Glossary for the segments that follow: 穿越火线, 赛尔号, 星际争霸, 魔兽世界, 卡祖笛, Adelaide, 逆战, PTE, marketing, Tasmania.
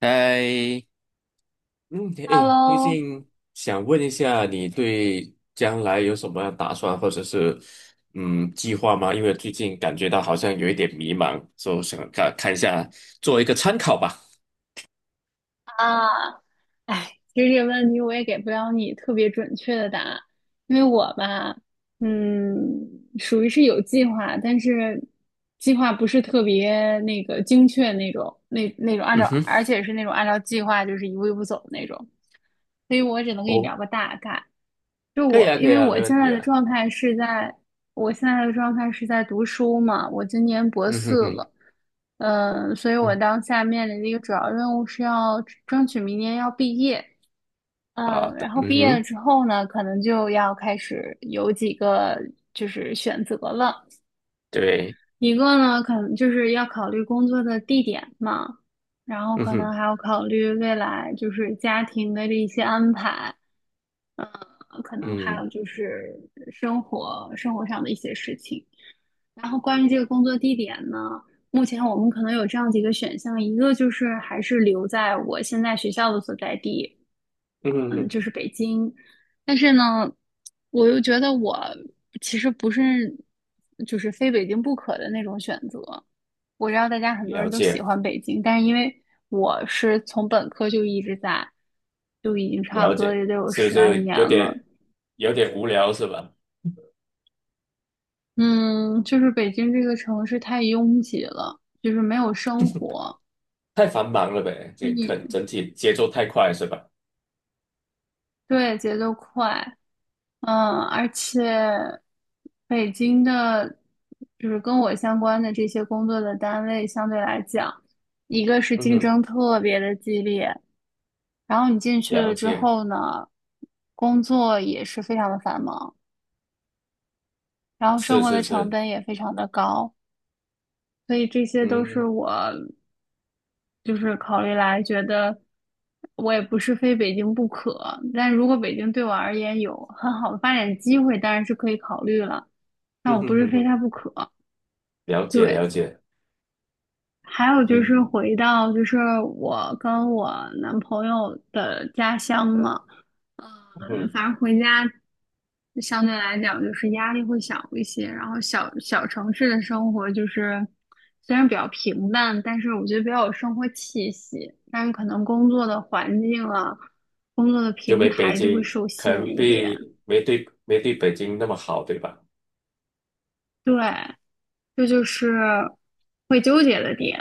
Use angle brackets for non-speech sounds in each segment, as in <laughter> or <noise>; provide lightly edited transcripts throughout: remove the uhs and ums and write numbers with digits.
哎，嗯，哎，最 Hello 近想问一下，你对将来有什么样打算，或者是计划吗？因为最近感觉到好像有一点迷茫，所以想看看一下，做一个参考吧。啊，哎，其实这个问题我也给不了你特别准确的答案，因为我吧，嗯，属于是有计划，但是计划不是特别那个精确那种，那种按嗯照，哼，而且是那种按照计划就是一步一步走的那种，所以我只能跟你哦，聊个大概。就可以我，啊，可因以为啊，没我问现题在的啊。状态是在，我现在的状态是在读书嘛，我今年博嗯哼四哼，了，嗯，所以我嗯，当下面临的一个主要任务是要争取明年要毕业，好嗯，然的，后嗯毕业了哼，之后呢，可能就要开始有几个就是选择了，对，一个呢，可能就是要考虑工作的地点嘛，然后嗯可能哼，还要考虑未来就是家庭的这一些安排。嗯，可能还有嗯，就是生活上的一些事情。然后关于这个工作地点呢，目前我们可能有这样几个选项，一个就是还是留在我现在学校的所在地，嗯哼嗯，哼，就是北京。但是呢，我又觉得我其实不是就是非北京不可的那种选择。我知道大家很多了人都喜解，欢北京，但是因为我是从本科就一直在，就已经差了不多解，也得有是不十来是年有了。点有点无聊是吧？嗯，就是北京这个城市太拥挤了，就是没有生活，太繁忙了呗，就这你肯整体节奏太快是吧？对节奏快，嗯，而且北京的，就是跟我相关的这些工作的单位相对来讲，一个是嗯竞哼。争特别的激烈，然后你进去了了之解，后呢，工作也是非常的繁忙，然后是生活的是成是，本也非常的高，所以这些都是嗯，我。就是考虑来觉得我也不是非北京不可，但如果北京对我而言有很好的发展机会，当然是可以考虑了，但哼我不哼是哼非哼，它不可。了解对，了解，还有就是嗯回到就是我跟我男朋友的家乡嘛。嗯，哼，反正回家相对来讲就是压力会小一些，然后小小城市的生活就是虽然比较平淡，但是我觉得比较有生活气息，但是可能工作的环境啊，工作的就平没北台就会京，受可限能一点。比没对没对北京那么好，对吧？对，这就是会纠结的点。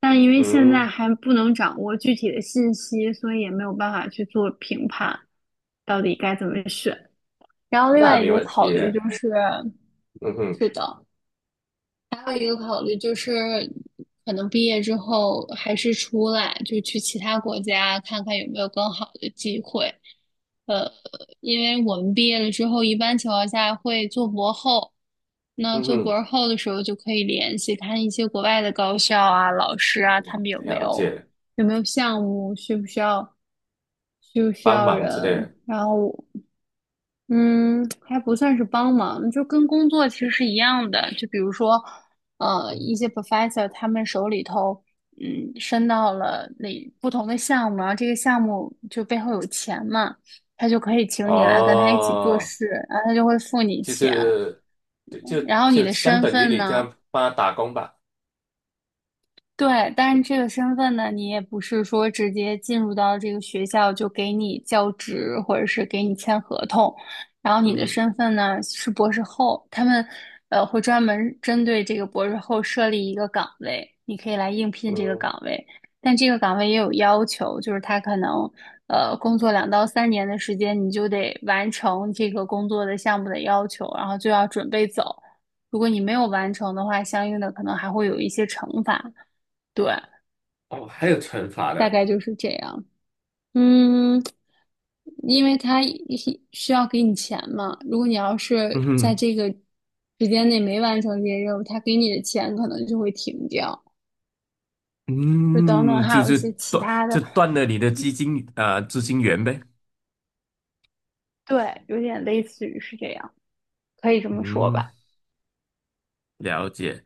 但因为现在嗯，还不能掌握具体的信息，所以也没有办法去做评判，到底该怎么选。然后另那外一没个问考题，虑就是。嗯哼是的，还有一个考虑就是，可能毕业之后还是出来，就去其他国家看看有没有更好的机会。呃，因为我们毕业了之后，一般情况下会做博后，那嗯做哼，博后的时候就可以联系看一些国外的高校啊、老师啊，他们有没了有解，有没有项目，需不需要需不需帮要忙之类人，的，然后。嗯，还不算是帮忙，就跟工作其实是一样的。就比如说，嗯，一些 professor 他们手里头，嗯，伸到了那不同的项目，然后这个项目就背后有钱嘛，他就可以请你来跟他一起做哦，事，然后他就会付你就钱。是对就然后你就的相身等于份你这呢？样帮他打工吧，对，但是这个身份呢，你也不是说直接进入到这个学校就给你教职，或者是给你签合同。然后你嗯的哼身份呢是博士后，他们会专门针对这个博士后设立一个岗位，你可以来应聘这个嗯，岗位。但这个岗位也有要求，就是他可能工作2到3年的时间，你就得完成这个工作的项目的要求，然后就要准备走。如果你没有完成的话，相应的可能还会有一些惩罚。对，哦，还有惩罚大的。概就是这样。嗯，因为他一需要给你钱嘛，如果你要嗯是在哼这个时间内没完成这些任务，他给你的钱可能就会停掉，就等等，嗯，还就有一是些其断他就的，断了你的基金啊、资金源呗。对，有点类似于是这样，可以这么说嗯，吧。了解。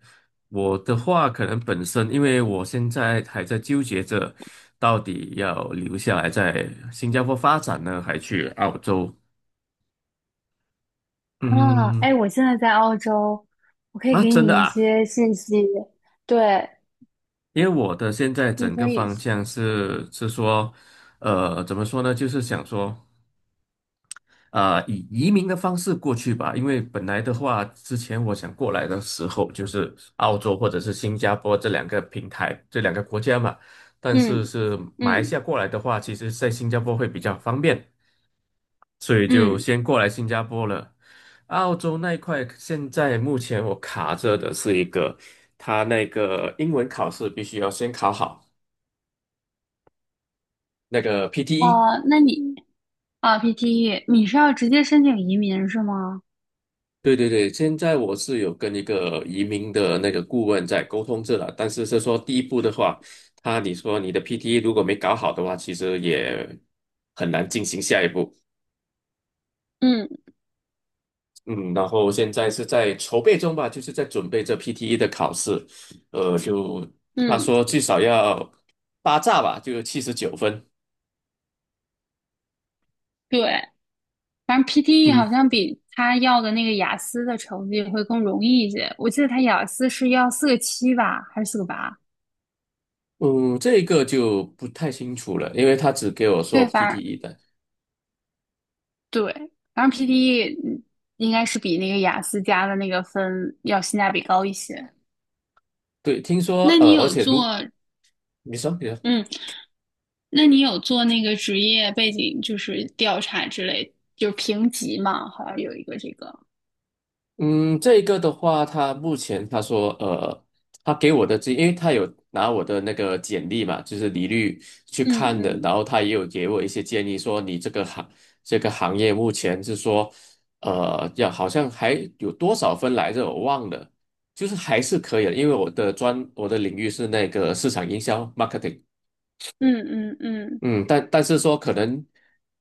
我的话，可能本身因为我现在还在纠结着，到底要留下来在新加坡发展呢，还去澳洲？啊，哎，嗯，我现在在澳洲，我可以啊，给真的你一啊，些信息，对，因为我的现在你整可个以，方向是说，怎么说呢？就是想说。啊、以移民的方式过去吧，因为本来的话，之前我想过来的时候，就是澳洲或者是新加坡这两个平台，这两个国家嘛。但嗯是是马来西亚嗯过来的话，其实在新加坡会比较方便，所以就嗯。先过来新加坡了。澳洲那一块，现在目前我卡着的是一个，他那个英文考试必须要先考好那个 PTE。哦，那你啊，PTE,你是要直接申请移民是吗？对对对，现在我是有跟一个移民的那个顾问在沟通这了，但是是说第一步的话，他你说你的 PTE 如果没搞好的话，其实也很难进行下一步。嗯嗯，然后现在是在筹备中吧，就是在准备这 PTE 的考试，就他嗯，说至少要八炸吧，就79分。对，反正 PTE 嗯好像比他要的那个雅思的成绩会更容易一些。我记得他雅思是要四个七吧，还是四个八？嗯，这个就不太清楚了，因为他只给我说 对，反正 PTE 的。对,反正 PTE 嗯应该是比那个雅思加的那个分要性价比高一些。对，听说那你而有且做，如你说你说。嗯，那你有做那个职业背景就是调查之类，就是评级嘛，好像有一个这个。嗯，这个的话，他目前他说，他给我的这，因为他有拿我的那个简历嘛，就是履历去嗯看的，嗯然后他也有给我一些建议，说你这个行业目前是说，要好像还有多少分来着，我忘了，就是还是可以的，因为我的领域是那个市场营销 marketing。嗯嗯嗯，但是说可能，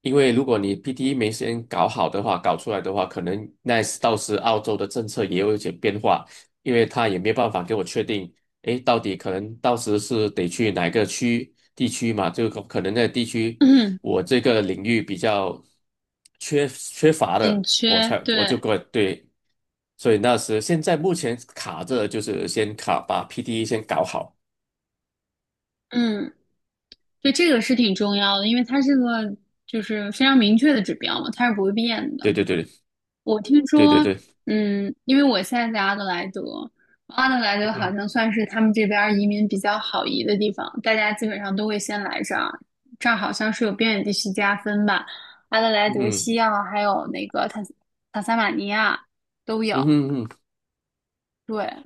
因为如果你 PTE 没先搞好的话，搞出来的话，可能那时到时澳洲的政策也有一些变化，因为他也没办法给我确定，诶，到底可能到时是得去哪个区地区嘛？就可可能那个地区嗯，我这个领域比较缺乏 <clears throat> 的，紧我缺，才我就对，过对，所以那时现在目前卡着就是先卡把 PTE 先搞好，嗯，对，这个是挺重要的，因为它是个就是非常明确的指标嘛，它是不会变对的。对对我听对对说，对，嗯，因为我现在在阿德莱德，阿德莱德好嗯像算是他们这边儿移民比较好移的地方，大家基本上都会先来这儿，这儿好像是有边远地区加分吧，阿德莱德、嗯西澳还有那个塔斯马尼亚都有，嗯嗯。对。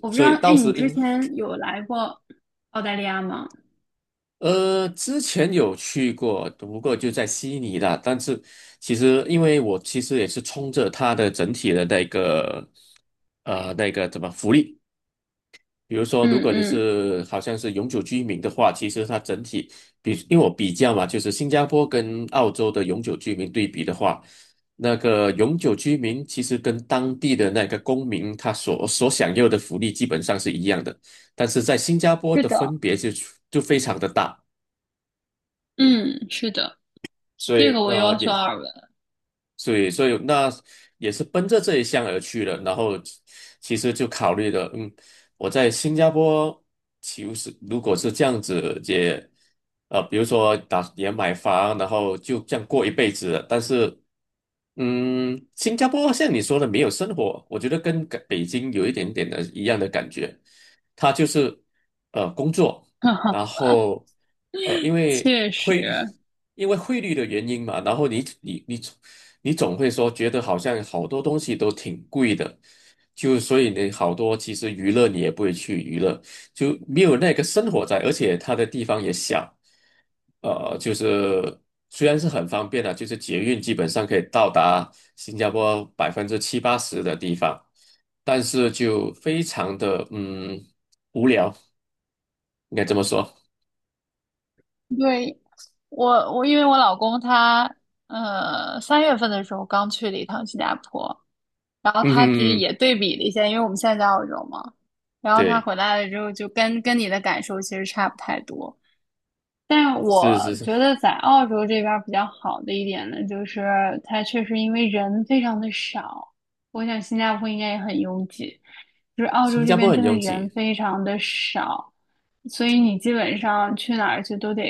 我不知所道，以哎，到你时之应前有来过澳大利亚吗？之前有去过，不过就在悉尼啦。但是其实因为我其实也是冲着它的整体的那个怎么福利。比如说，如嗯果你嗯，是好像是永久居民的话，其实它整体比，因为我比较嘛，就是新加坡跟澳洲的永久居民对比的话，那个永久居民其实跟当地的那个公民他所享有的福利基本上是一样的，但是在新加坡是的的，分别就非常的大，嗯，是的，所这个以我有所也耳闻，所以，所以那也是奔着这一项而去的。然后，其实就考虑的，嗯，我在新加坡，其实如果是这样子，也，比如说打也买房，然后就这样过一辈子了。但是，嗯，新加坡像你说的没有生活，我觉得跟感北京有一点点的一样的感觉，它就是工作。<laughs> 哈哈，然后因 <laughs> 为确实，汇率的原因嘛，然后你总会说觉得好像好多东西都挺贵的，就所以你好多其实娱乐你也不会去娱乐，就没有那个生活在，而且它的地方也小，就是虽然是很方便的，就是捷运基本上可以到达新加坡百分之七八十的地方，但是就非常的无聊，应该这么说。对，我我因为我老公他3月份的时候刚去了一趟新加坡，然后嗯他其实哼嗯也对比了一下，因为我们现在在澳洲嘛，然后他对，回来了之后就跟你的感受其实差不太多。但我是是是，觉得在澳洲这边儿比较好的一点呢，就是它确实因为人非常的少，我想新加坡应该也很拥挤，就是澳洲新这加坡边很真的拥人挤，非常的少，所以你基本上去哪儿去都得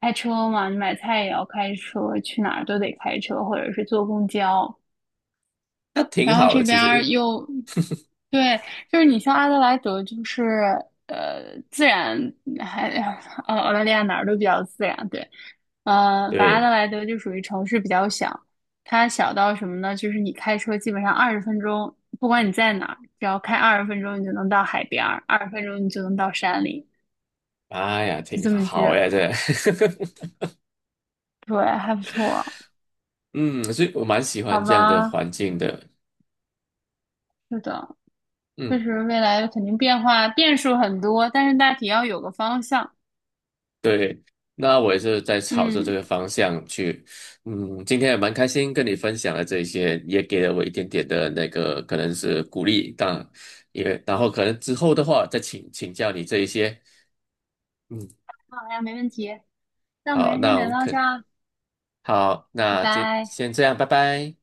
开车嘛，你买菜也要开车，去哪儿都得开车或者是坐公交，那挺然后好的，这其边实，因儿为又对，就是你像阿德莱德，就是自然还澳大利亚哪儿都比较自然，对，反正阿德对，莱德就属于城市比较小，它小到什么呢？就是你开车基本上二十分钟，不管你在哪儿，只要开二十分钟，你就能到海边儿，二十分钟你就能到山里，哎呀，就挺这么近。好呀，这，对，还不错，<laughs> 嗯，所以我蛮喜好欢这样的吧，环境的，是的，确嗯，实未来肯定变化变数很多，但是大体要有个方向。对，那我也是在朝着这嗯。个方向去，嗯，今天也蛮开心跟你分享了这一些，也给了我一点点的那个可能是鼓励，当也然后可能之后的话再请教你这一些，嗯，好呀，没问题。那我们好，先那聊我到可这儿，好，拜那今拜。先这样，拜拜。